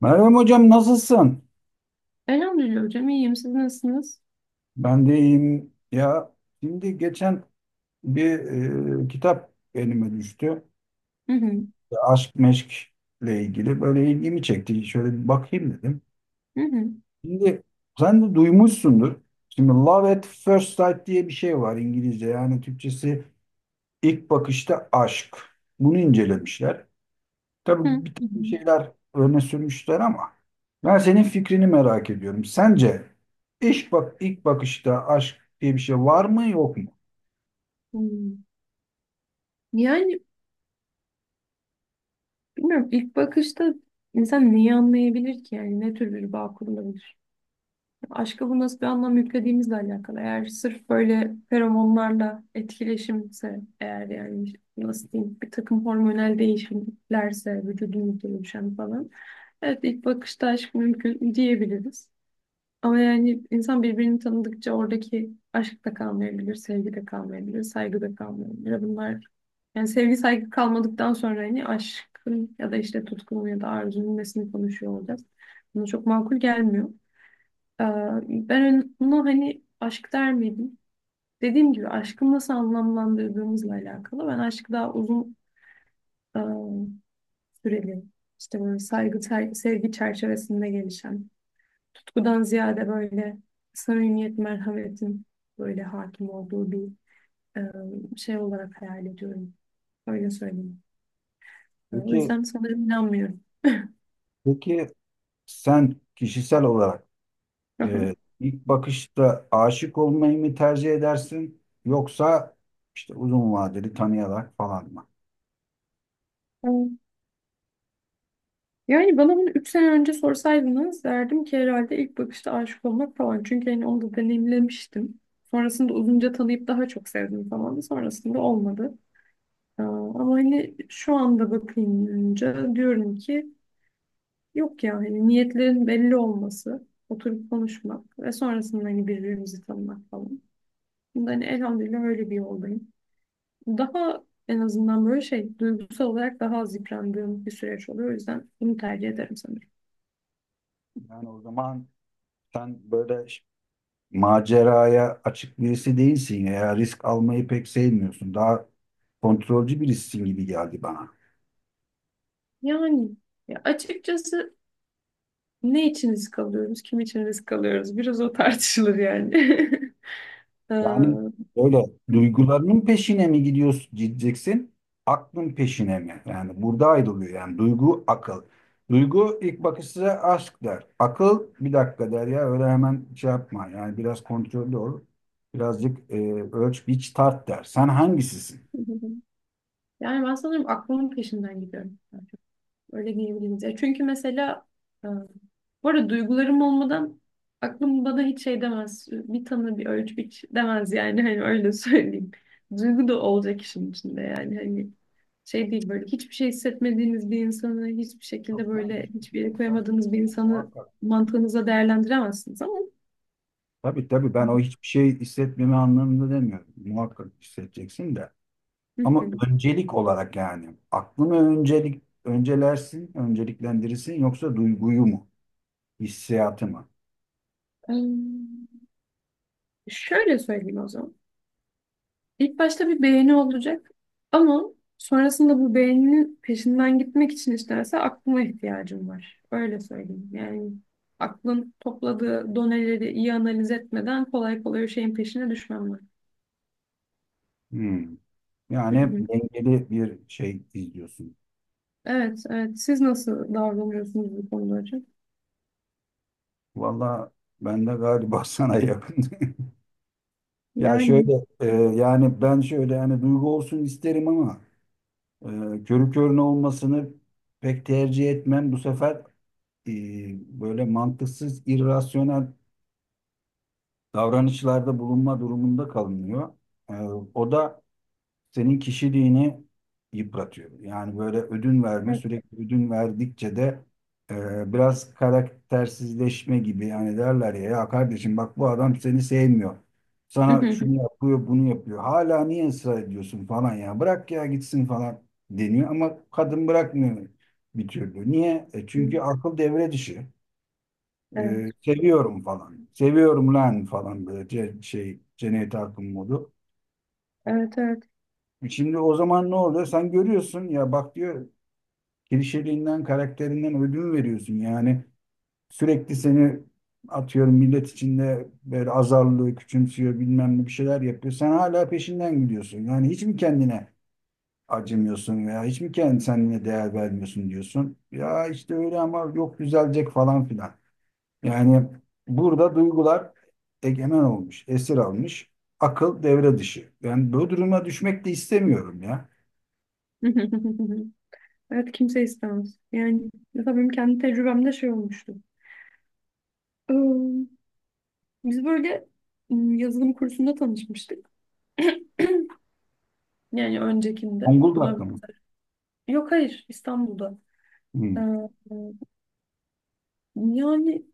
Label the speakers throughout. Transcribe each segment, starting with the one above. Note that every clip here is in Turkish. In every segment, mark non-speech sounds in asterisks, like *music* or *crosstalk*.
Speaker 1: Meryem Hocam nasılsın?
Speaker 2: Elhamdülillah hocam iyiyim. Siz nasılsınız?
Speaker 1: Ben de iyiyim. Ya şimdi geçen bir kitap elime düştü.
Speaker 2: Hı hı.
Speaker 1: İşte aşk meşkle ilgili böyle ilgimi çekti. Şöyle bir bakayım dedim.
Speaker 2: Hı hı.
Speaker 1: Şimdi sen de duymuşsundur. Şimdi Love at First Sight diye bir şey var İngilizce. Yani Türkçesi ilk bakışta aşk. Bunu incelemişler.
Speaker 2: Hı
Speaker 1: Tabii bir
Speaker 2: hı.
Speaker 1: takım şeyler öne sürmüşler ama ben senin fikrini merak ediyorum. Sence iş bak ilk bakışta aşk diye bir şey var mı yok mu?
Speaker 2: Hı. Yani bilmiyorum ilk bakışta insan neyi anlayabilir ki yani ne tür bir bağ kurulabilir? Aşka bu nasıl bir anlam yüklediğimizle alakalı. Eğer sırf böyle feromonlarla etkileşimse eğer yani nasıl diyeyim bir takım hormonal değişimlerse vücudumuzda oluşan falan. Evet ilk bakışta aşk mümkün diyebiliriz. Ama yani insan birbirini tanıdıkça oradaki aşk da kalmayabilir, sevgi de kalmayabilir, saygı da kalmayabilir. Bunlar yani sevgi saygı kalmadıktan sonra hani aşkın ya da işte tutkunun ya da arzunun nesini konuşuyor olacağız. Buna çok makul gelmiyor. Ee, ben bunu hani aşk der miydim? Dediğim gibi aşkı nasıl anlamlandırdığımızla alakalı. Ben aşkı daha uzun e, süreli işte böyle saygı, sevgi çerçevesinde gelişen tutkudan ziyade böyle samimiyet, merhametin böyle hakim olduğu bir şey olarak hayal ediyorum. Öyle söyleyeyim. O
Speaker 1: Peki
Speaker 2: yüzden sanırım inanmıyorum.
Speaker 1: peki sen kişisel olarak
Speaker 2: Hı hı.
Speaker 1: e, ilk bakışta aşık olmayı mı tercih edersin yoksa işte uzun vadeli tanıyarak falan mı?
Speaker 2: E, Yani bana bunu 3 sene önce sorsaydınız derdim ki herhalde ilk bakışta aşık olmak falan. Çünkü hani onu da deneyimlemiştim. Sonrasında uzunca tanıyıp daha çok sevdim falan. Sonrasında olmadı. Ama hani şu anda bakınca diyorum ki yok ya hani niyetlerin belli olması, oturup konuşmak ve sonrasında hani birbirimizi tanımak falan. Bunda hani elhamdülillah öyle bir yoldayım. Daha en azından böyle şey duygusal olarak daha az yıprandığım bir süreç oluyor. O yüzden bunu tercih ederim sanırım.
Speaker 1: Yani o zaman sen böyle maceraya açık birisi değilsin ya, risk almayı pek sevmiyorsun. Daha kontrolcü birisin gibi geldi bana.
Speaker 2: Yani ya açıkçası ne için risk alıyoruz, kim için risk alıyoruz biraz o tartışılır yani. *laughs* Ee, *laughs*
Speaker 1: Yani öyle duygularının peşine mi gidiyorsun, gideceksin? Aklın peşine mi? Yani burada ayrılıyor yani duygu akıl. Duygu ilk bakışta aşk der. Akıl bir dakika der ya, öyle hemen şey yapma. Yani biraz kontrollü ol. Birazcık ölç biç tart der. Sen hangisisin?
Speaker 2: Yani ben sanırım aklımın peşinden gidiyorum. Öyle diyebiliriz. Ya çünkü mesela e, bu arada duygularım olmadan aklım bana hiç şey demez. Bir tanı bir ölç biç demez yani hani öyle *laughs* söyleyeyim. Duygu da olacak işin içinde yani hani şey değil böyle hiçbir şey hissetmediğiniz bir insanı hiçbir şekilde
Speaker 1: Yok, ben
Speaker 2: böyle
Speaker 1: hiçbir
Speaker 2: hiçbir yere
Speaker 1: şey
Speaker 2: koyamadığınız bir
Speaker 1: kastetmiyorum
Speaker 2: insanı
Speaker 1: muhakkak.
Speaker 2: mantığınıza değerlendiremezsiniz ama.
Speaker 1: Tabii tabii, ben o hiçbir şey hissetmeme anlamında demiyorum. Muhakkak hissedeceksin de.
Speaker 2: Hı
Speaker 1: Ama
Speaker 2: hı.
Speaker 1: öncelik olarak yani aklını öncelik öncelersin, önceliklendirirsin yoksa duyguyu mu, hissiyatı mı?
Speaker 2: Em, şöyle söyleyeyim o zaman. İlk başta bir beğeni olacak ama sonrasında bu beğeninin peşinden gitmek için isterse aklıma ihtiyacım var. Öyle söyleyeyim. Yani aklın topladığı doneleri iyi analiz etmeden kolay kolay o şeyin peşine düşmem ben.
Speaker 1: Hmm.
Speaker 2: Hı
Speaker 1: Yani hep
Speaker 2: hı.
Speaker 1: dengeli bir şey izliyorsun.
Speaker 2: Evet, evet. Siz nasıl davranıyorsunuz bu konuda hocam?
Speaker 1: Valla ben de galiba *laughs* sana yakın. Ya
Speaker 2: Yani
Speaker 1: şöyle yani ben şöyle yani duygu olsun isterim ama körü körüne olmasını pek tercih etmem. Bu sefer e, böyle mantıksız, irrasyonel davranışlarda bulunma durumunda kalınıyor. E, o da senin kişiliğini yıpratıyor. Yani böyle ödün verme,
Speaker 2: evet.
Speaker 1: sürekli ödün verdikçe de biraz karaktersizleşme gibi, yani derler ya, ya kardeşim bak bu adam seni sevmiyor.
Speaker 2: Hı
Speaker 1: Sana
Speaker 2: hı
Speaker 1: şunu yapıyor, bunu yapıyor. Hala niye ısrar ediyorsun falan ya. Bırak ya gitsin falan deniyor ama kadın bırakmıyor bir türlü. Niye? E, çünkü
Speaker 2: hı.
Speaker 1: akıl devre dışı. E,
Speaker 2: Evet,
Speaker 1: seviyorum falan. Seviyorum lan falan, böyle şey Cennet Akın modu.
Speaker 2: evet, evet.
Speaker 1: Şimdi o zaman ne oluyor? Sen görüyorsun ya, bak diyor klişeliğinden, karakterinden ödün veriyorsun. Yani sürekli seni atıyorum millet içinde böyle azarlıyor, küçümsüyor, bilmem ne bir şeyler yapıyor. Sen hala peşinden gidiyorsun. Yani hiç mi kendine acımıyorsun veya hiç mi kendine değer vermiyorsun diyorsun. Ya işte öyle ama yok düzelecek falan filan. Yani burada duygular egemen olmuş, esir almış. Akıl devre dışı. Ben bu duruma düşmek de istemiyorum ya.
Speaker 2: *laughs* Evet, kimse istemez. Yani mesela benim kendi tecrübemde şey olmuştu. Biz böyle yazılım kursunda tanışmıştık. Yani öncekinde. Buna
Speaker 1: Zonguldak'ta mı?
Speaker 2: yok, hayır, İstanbul'da. Ee,
Speaker 1: Hmm.
Speaker 2: yani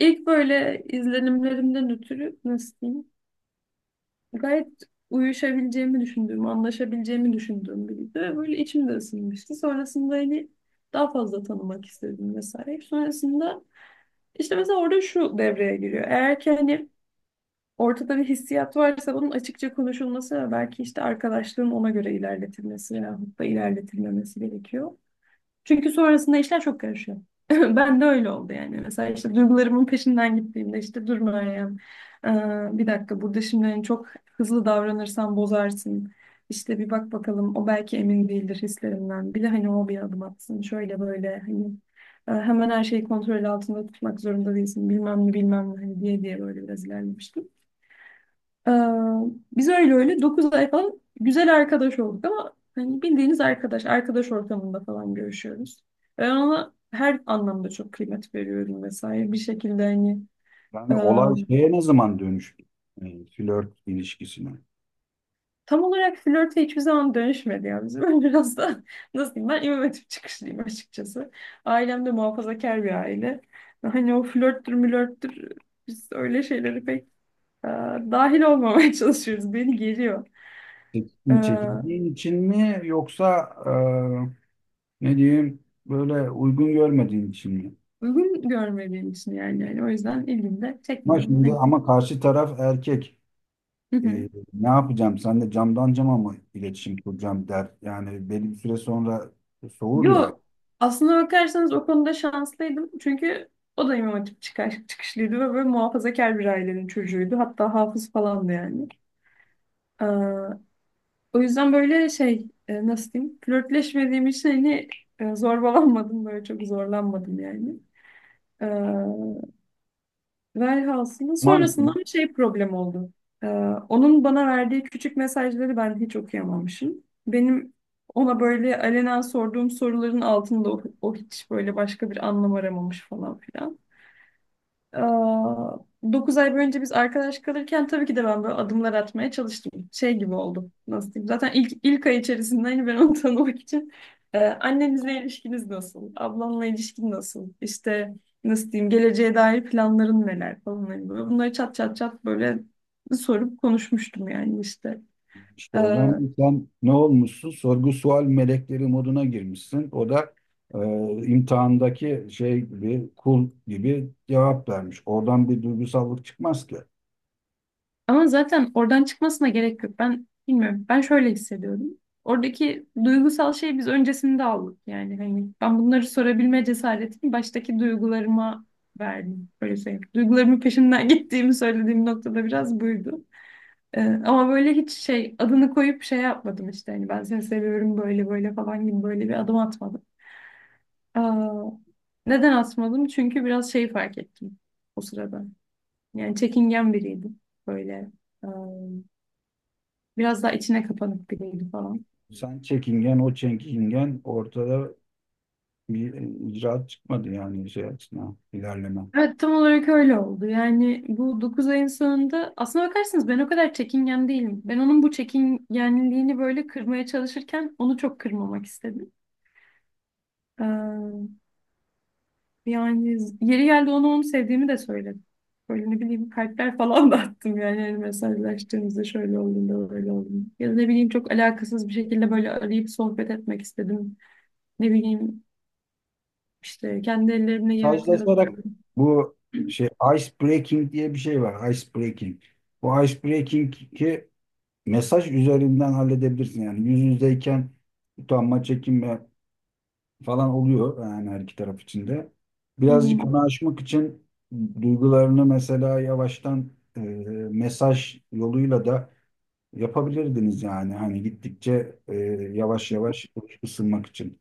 Speaker 2: ilk böyle izlenimlerimden ötürü nasıl diyeyim? Gayet uyuşabileceğimi düşündüğüm, anlaşabileceğimi düşündüğüm biriydi. Ve böyle içim de ısınmıştı. Sonrasında hani daha fazla tanımak istedim vesaire. Sonrasında işte mesela orada şu devreye giriyor. Eğer ki hani ortada bir hissiyat varsa bunun açıkça konuşulması ve belki işte arkadaşlığın ona göre ilerletilmesi yahut da ilerletilmemesi gerekiyor. Çünkü sonrasında işler çok karışıyor. *laughs* Ben de öyle oldu yani. Mesela işte duygularımın peşinden gittiğimde işte dur Meryem, bir dakika burada şimdi hani çok hızlı davranırsan bozarsın. İşte bir bak bakalım o belki emin değildir hislerinden. Bir de hani o bir adım atsın şöyle böyle hani hemen her şeyi kontrol altında tutmak zorunda değilsin bilmem ne bilmem ne hani diye diye böyle biraz ilerlemiştim. Ee, biz öyle öyle 9 ay falan güzel arkadaş olduk ama hani bildiğiniz arkadaş, arkadaş ortamında falan görüşüyoruz. Ben ona her anlamda çok kıymet veriyorum vesaire. Bir şekilde hani
Speaker 1: Yani
Speaker 2: e,
Speaker 1: olay şeye ne zaman dönüştü? E, flört ilişkisine.
Speaker 2: tam olarak flörte hiçbir zaman dönüşmedi ya bizim. *laughs* Ben biraz da nasıl diyeyim ben İmam Hatip çıkışlıyım açıkçası. Ailem de muhafazakar bir aile. Hani o flörttür mülörttür biz öyle şeyleri pek e, dahil olmamaya *laughs* çalışıyoruz. Beni geriyor. E,
Speaker 1: Çekindiğin için mi yoksa ne diyeyim böyle uygun görmediğin için mi?
Speaker 2: uygun görmüyor benim için yani. Yani o yüzden ilgimi de
Speaker 1: Ama
Speaker 2: çekmiyor.
Speaker 1: şimdi
Speaker 2: Hani. *laughs*
Speaker 1: ama karşı taraf erkek.
Speaker 2: Hı hı.
Speaker 1: E, ne yapacağım? Sen de camdan cama mı iletişim kuracağım der. Yani belli bir süre sonra soğur yani.
Speaker 2: Yo, aslına bakarsanız o konuda şanslıydım. Çünkü o da İmam Hatip çıkışlıydı ve böyle muhafazakar bir ailenin çocuğuydu. Hatta hafız falandı yani. Ee, o yüzden böyle şey nasıl diyeyim flörtleşmediğim için hani zorbalanmadım böyle çok zorlanmadım yani. Ee, Velhasılı
Speaker 1: Aman,
Speaker 2: sonrasında bir şey problem oldu. Ee, onun bana verdiği küçük mesajları ben hiç okuyamamışım. Benim ona böyle alenen sorduğum soruların altında o hiç böyle başka bir anlam aramamış falan filan. Aa, 9 ay boyunca biz arkadaş kalırken tabii ki de ben böyle adımlar atmaya çalıştım. Şey gibi oldu. Nasıl diyeyim? Zaten ilk ay içerisinde hani ben onu *laughs* tanımak için Annenizle ilişkiniz nasıl? Ablanla ilişkin nasıl? İşte nasıl diyeyim? Geleceğe dair planların neler falan. Hani böyle bunları çat çat çat böyle sorup konuşmuştum yani işte.
Speaker 1: İşte o
Speaker 2: Ee,
Speaker 1: zaman sen ne olmuşsun? Sorgu sual melekleri moduna girmişsin. O da e, imtihandaki şey gibi, kul gibi cevap vermiş. Oradan bir duygusallık çıkmaz ki.
Speaker 2: Ama zaten oradan çıkmasına gerek yok. Ben bilmiyorum. Ben şöyle hissediyorum. Oradaki duygusal şey biz öncesinde aldık. Yani hani ben bunları sorabilme cesaretini baştaki duygularıma verdim. Böyle söyleyeyim. Duygularımın peşinden *laughs* gittiğimi söylediğim noktada biraz buydu. Ama böyle hiç şey adını koyup şey yapmadım işte. Hani ben seni seviyorum böyle böyle falan gibi böyle bir adım atmadım. Aa, neden atmadım? Çünkü biraz şey fark ettim o sırada. Yani çekingen biriydim. Böyle. ıı, Biraz daha içine kapanık biriydi falan.
Speaker 1: Sen çekingen, o çekingen, ortada bir icraat çıkmadı yani şey açısından ilerleme.
Speaker 2: Evet, tam olarak öyle oldu. Yani bu 9 ayın sonunda aslına bakarsanız ben o kadar çekingen değilim. Ben onun bu çekingenliğini böyle kırmaya çalışırken onu çok kırmamak istedim. Ee, yani yeri geldi onu sevdiğimi de söyledim. Böyle ne bileyim kalpler falan *laughs* da attım yani, yani mesajlaştığımızda şöyle olduğunda böyle olduğunda. Ya da ne bileyim çok alakasız bir şekilde böyle arayıp sohbet etmek istedim. Ne bileyim işte kendi ellerimle yemekler
Speaker 1: Sazlaşarak
Speaker 2: hazırladım.
Speaker 1: bu
Speaker 2: *clears throat*
Speaker 1: şey, ice breaking diye bir şey var. Ice breaking. Bu ice breaking'i mesaj üzerinden halledebilirsin. Yani yüz yüzeyken utanma, çekinme, falan oluyor yani her iki taraf içinde.
Speaker 2: Hı hı.
Speaker 1: Birazcık onu aşmak için duygularını mesela yavaştan e, mesaj yoluyla da yapabilirdiniz yani hani gittikçe yavaş yavaş ısınmak için.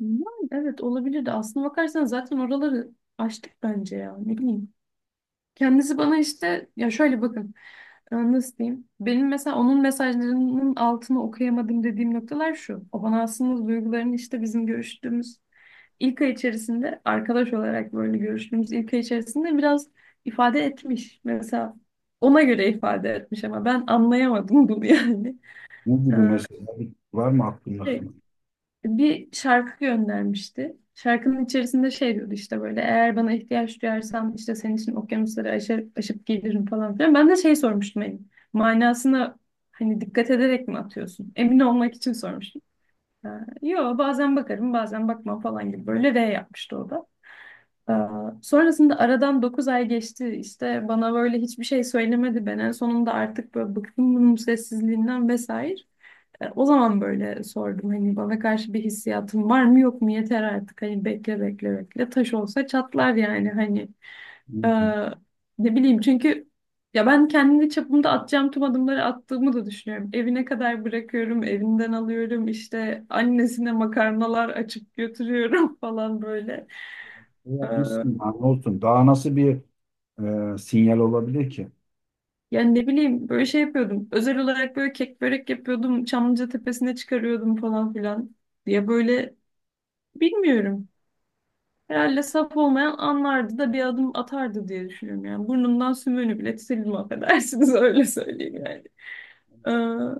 Speaker 2: Yani evet olabilir de, aslına bakarsan zaten oraları açtık bence ya. Ne bileyim. Kendisi bana işte ya şöyle bakın. Nasıl diyeyim? Benim mesela onun mesajlarının altını okuyamadım dediğim noktalar şu. O bana aslında duygularını işte bizim görüştüğümüz ilk ay içerisinde arkadaş olarak böyle görüştüğümüz ilk ay içerisinde biraz ifade etmiş. Mesela ona göre ifade etmiş ama ben anlayamadım bunu yani.
Speaker 1: Ne
Speaker 2: Ee,
Speaker 1: gibi mesela, var mı aklında
Speaker 2: şey,
Speaker 1: kalan?
Speaker 2: bir şarkı göndermişti. Şarkının içerisinde şey diyordu işte böyle eğer bana ihtiyaç duyarsan işte senin için okyanusları aşar, aşıp gelirim falan filan. Ben de şey sormuştum hani manasına hani dikkat ederek mi atıyorsun? Emin olmak için sormuştum. Ee, yo, bazen bakarım bazen bakmam falan gibi böyle R yapmıştı o da. Ee, sonrasında aradan 9 ay geçti işte, bana böyle hiçbir şey söylemedi, ben en sonunda artık böyle bıktım bunun sessizliğinden vesaire. O zaman böyle sordum hani bana karşı bir hissiyatın var mı yok mu, yeter artık hani bekle bekle bekle taş olsa çatlar yani hani. E,
Speaker 1: Hmm.
Speaker 2: ne bileyim çünkü ya ben kendi çapımda atacağım tüm adımları attığımı da düşünüyorum. Evine kadar bırakıyorum, evinden alıyorum, işte annesine makarnalar açıp götürüyorum *laughs* falan böyle.
Speaker 1: Ne
Speaker 2: E,
Speaker 1: yapmışsın yani, olsun. Daha nasıl bir sinyal olabilir ki?
Speaker 2: yani ne bileyim böyle şey yapıyordum. Özel olarak böyle kek börek yapıyordum. Çamlıca tepesine çıkarıyordum falan filan diye böyle bilmiyorum. Herhalde saf olmayan anlardı da bir adım atardı diye düşünüyorum yani. Burnumdan sümüğünü bile sildim affedersiniz *laughs* öyle söyleyeyim yani. Ee,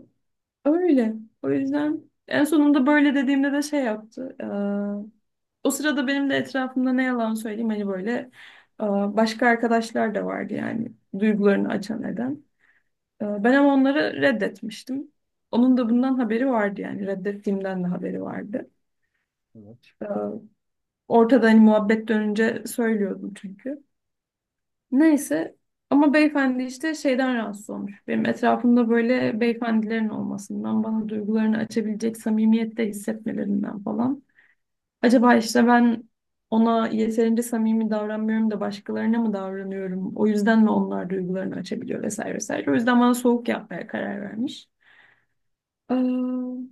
Speaker 2: öyle. O yüzden en sonunda böyle dediğimde de şey yaptı. O sırada benim de etrafımda ne yalan söyleyeyim hani böyle e, başka arkadaşlar da vardı yani duygularını açan eden. Ben ama onları reddetmiştim. Onun da bundan haberi vardı yani reddettiğimden de haberi vardı. Ee, ortada hani muhabbet dönünce söylüyordum çünkü. Neyse, ama beyefendi işte şeyden rahatsız olmuş. Benim etrafımda böyle beyefendilerin olmasından, bana duygularını açabilecek samimiyette hissetmelerinden falan. Acaba işte ben ona yeterince samimi davranmıyorum da başkalarına mı davranıyorum? O yüzden mi onlar duygularını açabiliyor vesaire vesaire. O yüzden bana soğuk yapmaya karar vermiş. Ee,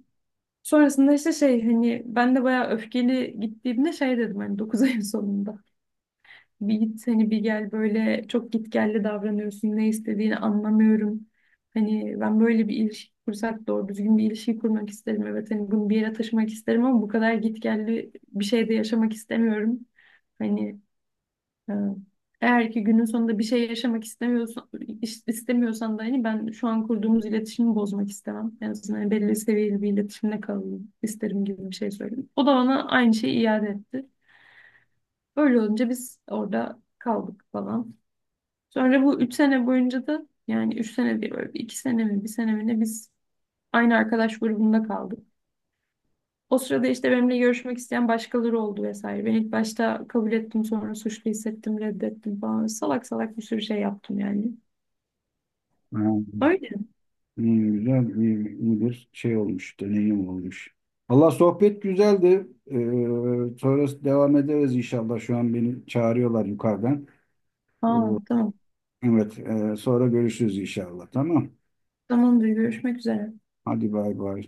Speaker 2: sonrasında işte şey, hani ben de bayağı öfkeli gittiğimde şey dedim hani 9 *laughs* ayın sonunda. Bir git hani bir gel, böyle çok gitgelli davranıyorsun. Ne istediğini anlamıyorum. Hani ben böyle bir ilişki kursak doğru düzgün bir ilişki kurmak isterim. Evet hani bunu bir yere taşımak isterim ama bu kadar gitgelli bir şeyde yaşamak istemiyorum. Hani e, eğer ki günün sonunda bir şey yaşamak istemiyorsan, istemiyorsan da hani ben şu an kurduğumuz iletişimi bozmak istemem. En azından hani belli seviyeli bir iletişimde kalalım isterim gibi bir şey söyledim. O da bana aynı şeyi iade etti. Öyle olunca biz orada kaldık falan. Sonra bu 3 sene boyunca da, yani 3 sene değil böyle bir iki sene mi bir sene mi ne, biz aynı arkadaş grubunda kaldık. O sırada işte benimle görüşmek isteyen başkaları oldu vesaire. Ben ilk başta kabul ettim sonra suçlu hissettim reddettim falan. Salak salak bir sürü şey yaptım yani.
Speaker 1: Evet.
Speaker 2: Öyle.
Speaker 1: İyi, güzel, iyi, iyi bir şey olmuş, deneyim olmuş. Allah, sohbet güzeldi. Sonrası devam ederiz inşallah. Şu an beni çağırıyorlar yukarıdan. Ee,
Speaker 2: Aa, tamam.
Speaker 1: evet, sonra görüşürüz inşallah. Tamam.
Speaker 2: Tamamdır, görüşmek üzere.
Speaker 1: Hadi bay bay.